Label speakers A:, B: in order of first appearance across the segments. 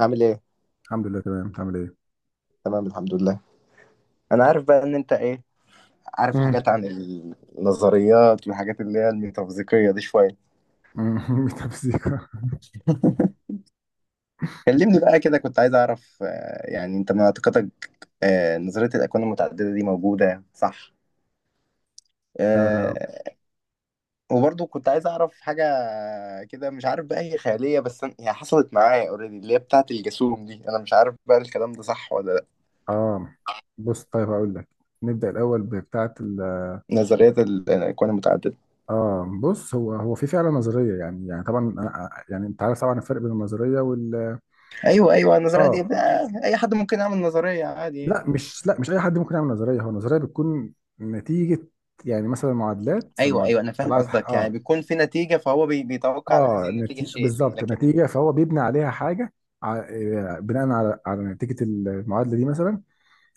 A: عامل ايه؟
B: الحمد لله تمام، انت عامل ايه؟
A: تمام الحمد لله. انا عارف بقى ان انت ايه، عارف
B: امم
A: حاجات عن النظريات والحاجات اللي هي الميتافيزيقية دي شوية.
B: ميتافيزيقا.
A: كلمني بقى كده، كنت عايز اعرف يعني انت معتقدك. نظرية الاكوان المتعددة دي موجودة صح؟
B: آه,
A: آه، وبرضو كنت عايز اعرف حاجة كده، مش عارف بقى هي خيالية بس هي حصلت معايا اوريدي اللي هي بتاعة الجاسوم دي، انا مش عارف بقى الكلام ده صح ولا لا.
B: اه، بص طيب هقول لك. نبدأ الأول بتاعة ال...
A: نظرية الاكوان المتعددة.
B: اه بص، هو في فعلا نظرية. يعني طبعا يعني انت عارف طبعا الفرق بين النظرية وال...
A: ايوه، ايوه، النظرية دي
B: اه
A: بقى اي حد ممكن يعمل نظرية عادي يعني.
B: لا مش أي حد ممكن يعمل نظرية. هو النظرية بتكون نتيجة، يعني مثلا معادلات،
A: ايوه، ايوه،
B: فمعادلات
A: انا فاهم
B: طلعت.
A: قصدك، يعني
B: اه
A: بيكون في نتيجه فهو بيتوقع على هذه
B: اه
A: النتيجه شيء
B: بالظبط،
A: لكن.
B: نتيجة فهو بيبني عليها حاجة. ع... آه، بناء على نتيجة المعادلة دي مثلا.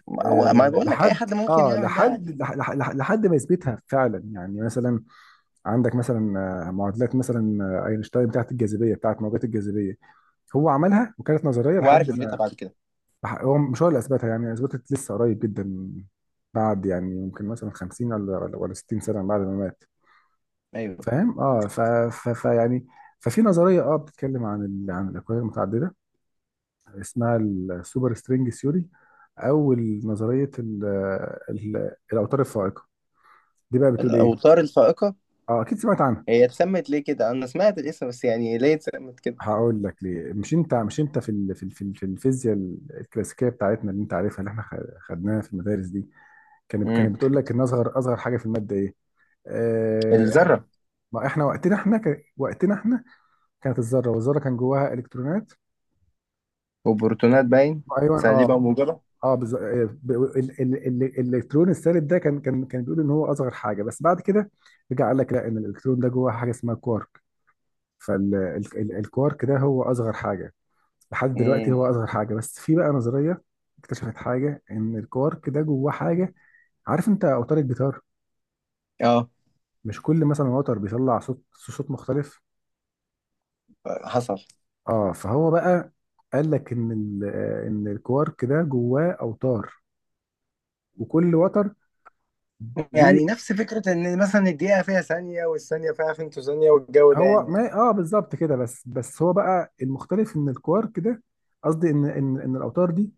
A: ما هو ما بقول لك اي
B: لحد،
A: حد ممكن
B: اه
A: يعمل ده
B: لحد
A: عادي.
B: لح- لح- لح- لحد ما يثبتها فعلا. يعني مثلا عندك مثلا معادلات، مثلا اينشتاين، بتاعت الجاذبيه، بتاعت موجات الجاذبيه. هو عملها وكانت نظريه
A: هو عارف
B: لحد
A: يثبتها
B: ما...
A: بعد كده؟
B: هو مش هو اللي اثبتها، يعني اثبتت لسه قريب جدا، بعد يعني ممكن مثلا 50 ولا 60 سنه بعد ما مات.
A: ايوه.
B: فاهم؟ اه ف ف ف يعني ففي نظريه اه بتتكلم عن عن الاكوان المتعدده، اسمها السوبر سترينج ثيوري، او نظريه الاوتار الفائقه. دي بقى بتقول ايه؟
A: الاوتار الفائقه.
B: اه اكيد سمعت عنها.
A: هي اتسمت ليه كده؟ انا سمعت الاسم بس يعني ليه اتسمت كده؟
B: هقول لك ليه. مش انت في في الفيزياء الكلاسيكيه بتاعتنا، اللي انت عارفها، اللي احنا خدناها في المدارس دي، كانت
A: امم.
B: كانت بتقول لك ان اصغر حاجه في الماده ايه. آه... إح-
A: الذره.
B: ما احنا وقتنا احنا كانت الذره، والذره كان جواها الكترونات.
A: وبروتونات باين.
B: ايوه
A: سالبه
B: اه
A: وموجبه.
B: اه بز... آه، ب... ال... ال... ال... الالكترون السالب ده كان بيقول ان هو اصغر حاجه، بس بعد كده رجع قال لك لا، ان الالكترون ده جواه حاجه اسمها كوارك، فالكوارك ده هو اصغر حاجه لحد دلوقتي.
A: امم.
B: هو اصغر حاجه، بس في بقى نظريه اكتشفت حاجه ان الكوارك ده جواه حاجه. عارف انت اوتار الجيتار؟
A: اه،
B: مش كل مثلا وتر بيطلع صوت مختلف؟
A: حصل.
B: اه، فهو بقى قال لك ان ان الكوارك ده جواه اوتار، وكل وتر ليه...
A: يعني نفس فكره ان مثلا الدقيقه فيها ثانيه والثانيه فيها فنتو ثانيه والجو ده
B: هو
A: يعني.
B: ما اه بالظبط كده. بس هو بقى المختلف ان الكوارك ده... قصدي ان الاوتار دي،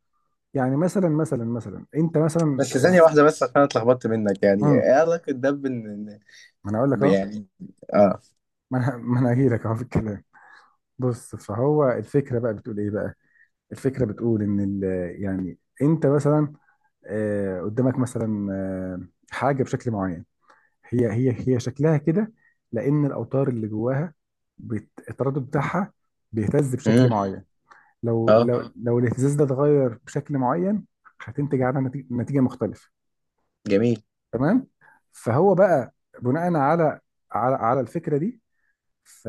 B: يعني مثلا مثلا انت مثلا...
A: بس ثانيه واحده، بس عشان اتلخبطت منك، يعني
B: امم
A: ايه علاقه ده بان.
B: ما انا اقول لك اهو.
A: يعني. اه.
B: ما انا ما انا هجي لك اهو في الكلام. بص، فهو الفكرة بقى بتقول ايه بقى؟ الفكرة بتقول ان ال... يعني انت مثلا قدامك مثلا حاجة بشكل معين، هي شكلها كده لان الاوتار اللي جواها، التردد بتاعها بيهتز بشكل
A: امم.
B: معين.
A: اه.
B: لو الاهتزاز ده اتغير بشكل معين، هتنتج عنها نتيجة مختلفة.
A: جميل.
B: تمام. فهو بقى بناء على الفكرة دي، ف...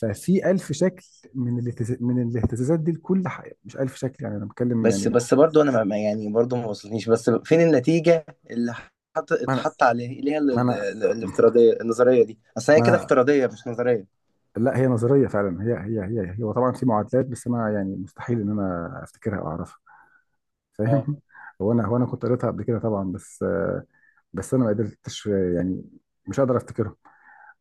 B: ففي ألف شكل من الاهتزاز، من الاهتزازات دي لكل حاجة. مش ألف شكل يعني، أنا بتكلم يعني...
A: بس بس برضو انا يعني برضو ما وصلتنيش، بس فين النتيجة اللي
B: ما أنا
A: اتحط عليها
B: ما أنا
A: الافتراضية، النظرية دي اصل هي كده
B: ما أنا
A: افتراضية مش نظرية.
B: لا، هي نظرية فعلا، هي وطبعا في معادلات، بس أنا يعني مستحيل إن أنا أفتكرها أو أعرفها.
A: اه،
B: فاهم؟ هو أنا كنت قريتها قبل كده طبعا، بس بس أنا ما قدرتش يعني، مش قادر أفتكرها.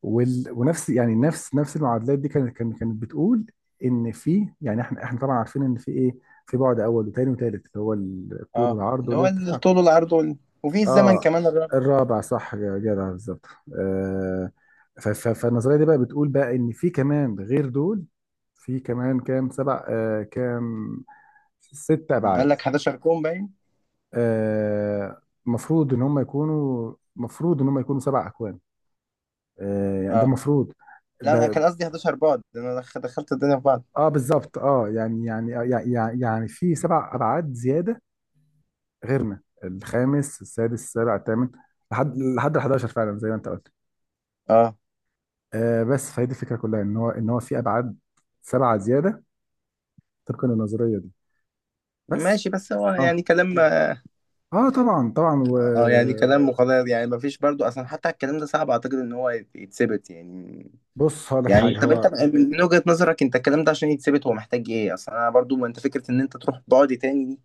B: وال... ونفس يعني نفس نفس المعادلات دي كانت بتقول ان في يعني، احنا طبعا عارفين ان في ايه، في بعد اول وتاني وتالت، اللي هو الطول
A: اه،
B: والعرض
A: اللي هو
B: والارتفاع.
A: الطول والعرض وفي
B: اه
A: الزمن
B: بالظبط،
A: كمان الرابع.
B: الرابع صح يا جدع، بالظبط. آه فالنظريه دي بقى بتقول بقى ان في كمان غير دول، في كمان كام، سبع، آه كام، ست ابعاد.
A: قال لك 11 كون باين.
B: آه مفروض ان هم يكونوا، سبع اكوان. آه يعني ده
A: اه،
B: مفروض.
A: لا، انا كان
B: ده
A: قصدي 11 بعد، ده انا دخلت الدنيا في بعض.
B: اه بالظبط، اه في سبع ابعاد زياده، غيرنا الخامس السادس السابع الثامن، لحد لحد ال 11، فعلا زي ما انت قلت.
A: اه،
B: آه بس فهي دي الفكره كلها، ان هو في ابعاد سبعه زياده طبقا للنظريه دي. بس
A: ماشي، بس هو
B: اه،
A: يعني كلام اه.
B: اه طبعا.
A: يعني كلام مقدر، يعني ما فيش برضو اصلا، حتى الكلام ده صعب اعتقد ان هو يتثبت يعني.
B: وبص هقول لك
A: يعني
B: حاجه،
A: طب
B: هو
A: انت من وجهة نظرك انت، الكلام ده عشان يتثبت هو محتاج ايه اصلا؟ انا برضو ما انت، فكرة ان انت تروح بعد تاني دي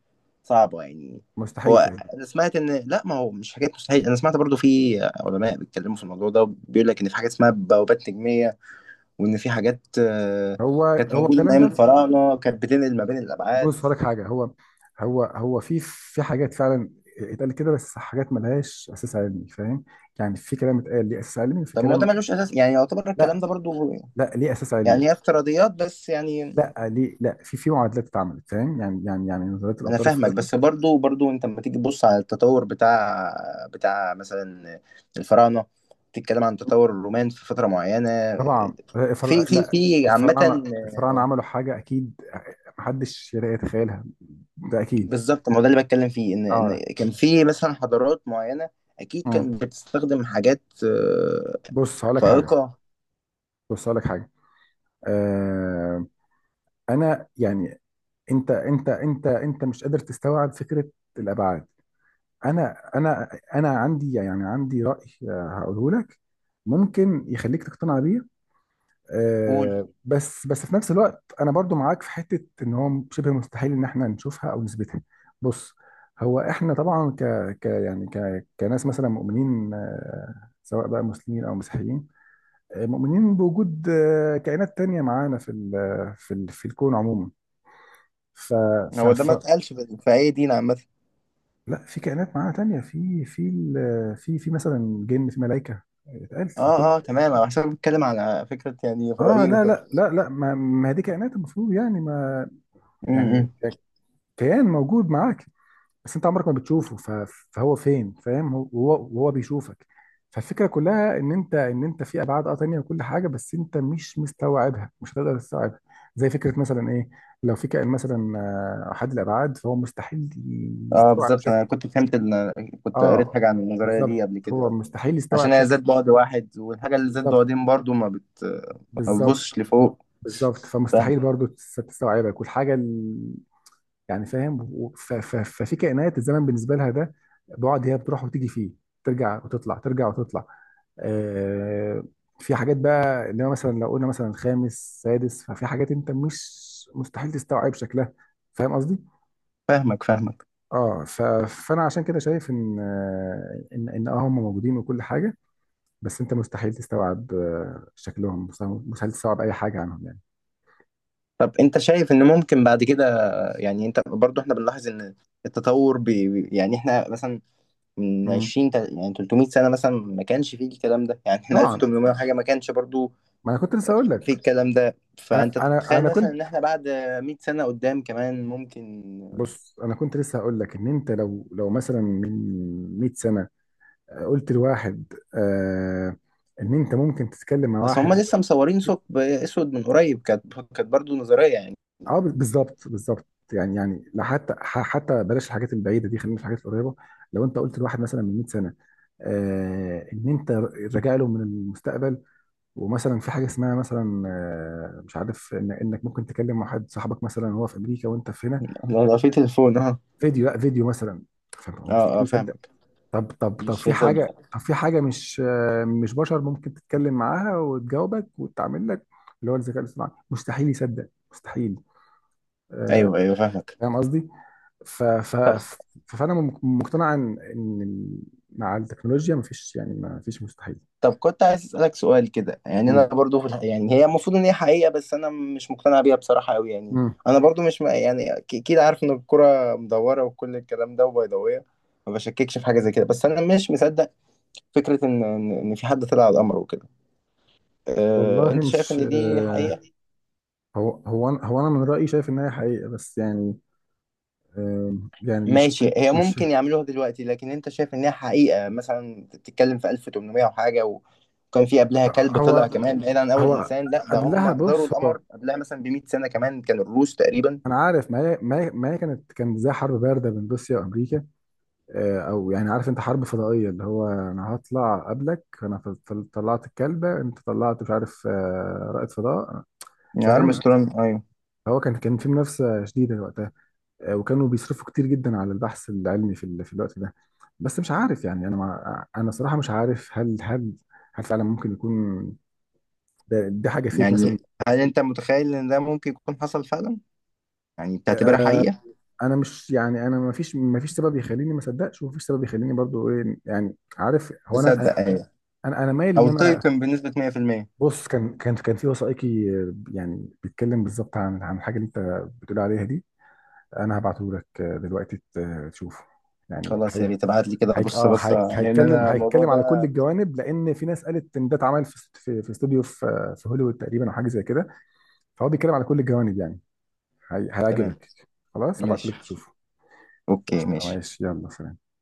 A: صعبة يعني. هو.
B: مستحيل تقريبا.
A: انا سمعت ان لا، ما هو مش حاجات مستحيل، انا سمعت برضو في علماء بيتكلموا في الموضوع ده، بيقول لك ان في حاجة اسمها بوابات نجمية، وان في حاجات
B: هو
A: كانت
B: هو
A: موجودة من
B: الكلام
A: ايام
B: ده...
A: الفراعنة، كانت بتنقل ما بين الابعاد.
B: بص هقول لك حاجه، هو في حاجات فعلا اتقالت كده، بس حاجات ملهاش اساس علمي. فاهم؟ يعني في كلام اتقال ليه اساس علمي، وفي
A: طب ما هو ده
B: كلام
A: ملوش اساس يعني، يعتبر الكلام
B: لا.
A: ده برضو.
B: لا ليه اساس علمي.
A: يعني هي افتراضيات بس يعني.
B: لا ليه، لا، في معادلات اتعملت. فاهم؟ يعني نظريه
A: انا
B: الاوتار
A: فاهمك،
B: الفائقه.
A: بس برضو برضو انت لما تيجي تبص على التطور بتاع مثلا الفراعنه، تتكلم عن تطور الرومان في فتره معينه،
B: طبعا
A: في في
B: لا،
A: في عامه.
B: الفراعنه عملوا حاجه اكيد محدش يقدر يتخيلها، ده اكيد.
A: بالظبط، ما هو ده اللي بتكلم فيه، ان
B: اه.
A: ان كان في مثلا حضارات معينه. اكيد
B: مم.
A: كانت بتستخدم حاجات
B: بص هقول لك حاجه.
A: فائقه.
B: بص هقول لك حاجه. آه انا يعني، انت مش قادر تستوعب فكره الابعاد. انا انا انا عندي يعني عندي راي هقوله لك، ممكن يخليك تقتنع بيه.
A: قول.
B: بس في نفس الوقت انا برضو معاك في حته، ان هو شبه مستحيل ان احنا نشوفها او نثبتها. بص، هو احنا طبعا ك ك يعني كناس مثلا مؤمنين سواء بقى مسلمين او مسيحيين، مؤمنين بوجود كائنات تانية معانا في ال في ال في الكون عموما. ف ف
A: هو ده
B: ف
A: ما اتقالش في اي دين عامه.
B: لا، في كائنات معانا تانية، في مثلا جن، في ملائكه، اتقالت في كل...
A: اه، اه، تمام، انا حسب بتكلم على فكره يعني
B: اه
A: فضائيين
B: لا
A: وكده.
B: لا لا لا، ما هي دي كائنات المفروض يعني، ما
A: م-
B: يعني
A: م.
B: كيان موجود معاك بس انت عمرك ما بتشوفه. فهو فين؟ فاهم؟ هو، وهو بيشوفك. فالفكره كلها ان انت في ابعاد اه تانيه وكل حاجه، بس انت مش مستوعبها، مش هتقدر تستوعبها. زي فكره مثلا ايه، لو في كائن مثلا احد الابعاد، فهو مستحيل
A: اه،
B: يستوعب
A: بالظبط، انا
B: شكلي.
A: كنت فهمت ان كنت قريت
B: اه
A: حاجه عن النظريه دي
B: بالظبط،
A: قبل
B: هو
A: كده،
B: مستحيل
A: عشان
B: يستوعب
A: هي ذات
B: شكلي.
A: بعد واحد، والحاجة اللي ذات
B: بالظبط
A: بعدين برضو ما بتبصش
B: بالظبط
A: لفوق.
B: بالظبط
A: فاهم-
B: فمستحيل برضو تستوعبك والحاجه... يعني فاهم؟ ففي كائنات الزمن بالنسبه لها ده بعد، هي بتروح وتيجي فيه، ترجع وتطلع، آه، في حاجات بقى، اللي هو مثلا لو قلنا مثلا خامس سادس، ففي حاجات انت مش مستحيل تستوعب شكلها. فاهم قصدي؟
A: فاهمك فاهمك.
B: اه فانا عشان كده شايف ان هم موجودين وكل حاجه، بس انت مستحيل تستوعب شكلهم، مستحيل، تستوعب اي حاجه عنهم يعني.
A: طب انت شايف ان ممكن بعد كده، يعني انت برضو احنا بنلاحظ ان التطور يعني احنا مثلا من
B: مم.
A: 20 يعني 300 سنة مثلا ما كانش فيه الكلام ده، يعني احنا
B: طبعا،
A: 1800 وحاجة ما كانش برضو
B: ما انا كنت لسه اقول
A: فيه
B: لك.
A: الكلام ده،
B: انا
A: فانت
B: انا انا
A: تتخيل مثلا
B: كنت
A: ان احنا بعد 100 سنة قدام كمان ممكن.
B: بص، انا كنت لسه هقول لك ان انت لو لو مثلا من 100 سنه قلت لواحد آه ان انت ممكن تتكلم مع
A: بس
B: واحد...
A: هم لسه مصورين ثقب اسود من قريب، كانت برضو نظرية يعني.
B: اه بالظبط، بالظبط، يعني لا، حتى بلاش الحاجات البعيده دي، خلينا في الحاجات القريبه. لو انت قلت لواحد مثلا من 100 سنه آه ان انت راجع له من المستقبل، ومثلا في حاجه اسمها مثلا آه مش عارف، إن انك ممكن تكلم واحد صاحبك مثلا وهو في امريكا وانت في هنا
A: لو في تليفون.
B: فيديو، لا فيديو مثلا،
A: اه، اه،
B: فمستحيل.
A: فاهمك.
B: طب
A: مش
B: في حاجة،
A: هتصدق.
B: طب في حاجة مش مش بشر ممكن تتكلم معاها وتجاوبك وتعمل لك، اللي هو الذكاء الاصطناعي، مستحيل يصدق، مستحيل.
A: ايوه، ايوه، فاهمك.
B: فاهم قصدي؟ ف ف ف- فأنا مقتنع إن إن مع التكنولوجيا مفيش، يعني مفيش مستحيل.
A: طب كنت عايز اسالك سؤال كده، يعني انا
B: مم.
A: برضو في يعني هي المفروض ان هي حقيقه بس انا مش مقتنع بيها بصراحه قوي يعني.
B: مم.
A: انا برضو مش م... يعني اكيد عارف ان الكره مدوره وكل الكلام ده وبيضاويه، ما بشككش في حاجه زي كده، بس انا مش مصدق فكره ان ان إن في حد طلع على القمر وكده.
B: والله
A: انت شايف
B: مش
A: ان دي حقيقه؟
B: هو أنا من رأيي شايف إن هي حقيقة، بس يعني يعني مش
A: ماشي، هي
B: مش.
A: ممكن يعملوها دلوقتي، لكن انت شايف انها حقيقة؟ مثلا انت بتتكلم في 1800 وحاجة وكان في قبلها كلب طلع
B: هو
A: كمان بعيد عن اول
B: هو
A: انسان، لا ده
B: قبلها،
A: هم زاروا
B: بص هو
A: القمر قبلها مثلا ب 100 سنة كمان، كان الروس تقريبا.
B: انا عارف، ما هي كانت زي حرب بارده بين روسيا وامريكا، او يعني عارف انت حرب فضائيه، اللي هو انا هطلع قبلك. انا طلعت الكلبه، انت طلعت مش عارف رائد فضاء.
A: يعني
B: فاهم؟
A: ارمسترونج، ايوه.
B: هو كان في منافسه شديده وقتها، وكانوا بيصرفوا كتير جدا على البحث العلمي في في الوقت ده. بس مش عارف يعني، انا صراحه مش عارف هل هل فعلا ممكن يكون دي حاجه فيك
A: يعني
B: مثلا.
A: هل انت متخيل ان ده ممكن يكون حصل فعلا؟ يعني تعتبرها
B: آه،
A: حقيقة؟
B: انا مش يعني، انا ما فيش سبب يخليني ما اصدقش، وما فيش سبب يخليني برضو ايه يعني، عارف، هو
A: تصدق، ايوه.
B: انا مايل ان
A: او
B: انا...
A: تيقن بنسبة 100%؟
B: بص، كان في وثائقي يعني بيتكلم بالظبط عن الحاجه اللي انت بتقول عليها دي. انا هبعته لك دلوقتي تشوفه. يعني
A: خلاص، يا
B: هي،
A: ريت ابعت لي كده، بص بص
B: هي
A: لان انا الموضوع
B: هيتكلم على كل
A: ده.
B: الجوانب، لان في ناس قالت ان ده اتعمل في في استوديو في في هوليوود تقريبا او حاجه زي كده. فهو بيتكلم على كل الجوانب يعني.
A: تمام.
B: هيعجبك. خلاص هبعته
A: ماشي.
B: لك تشوفه.
A: اوكي،
B: قشطة،
A: ماشي.
B: ماشي، يلا سلام.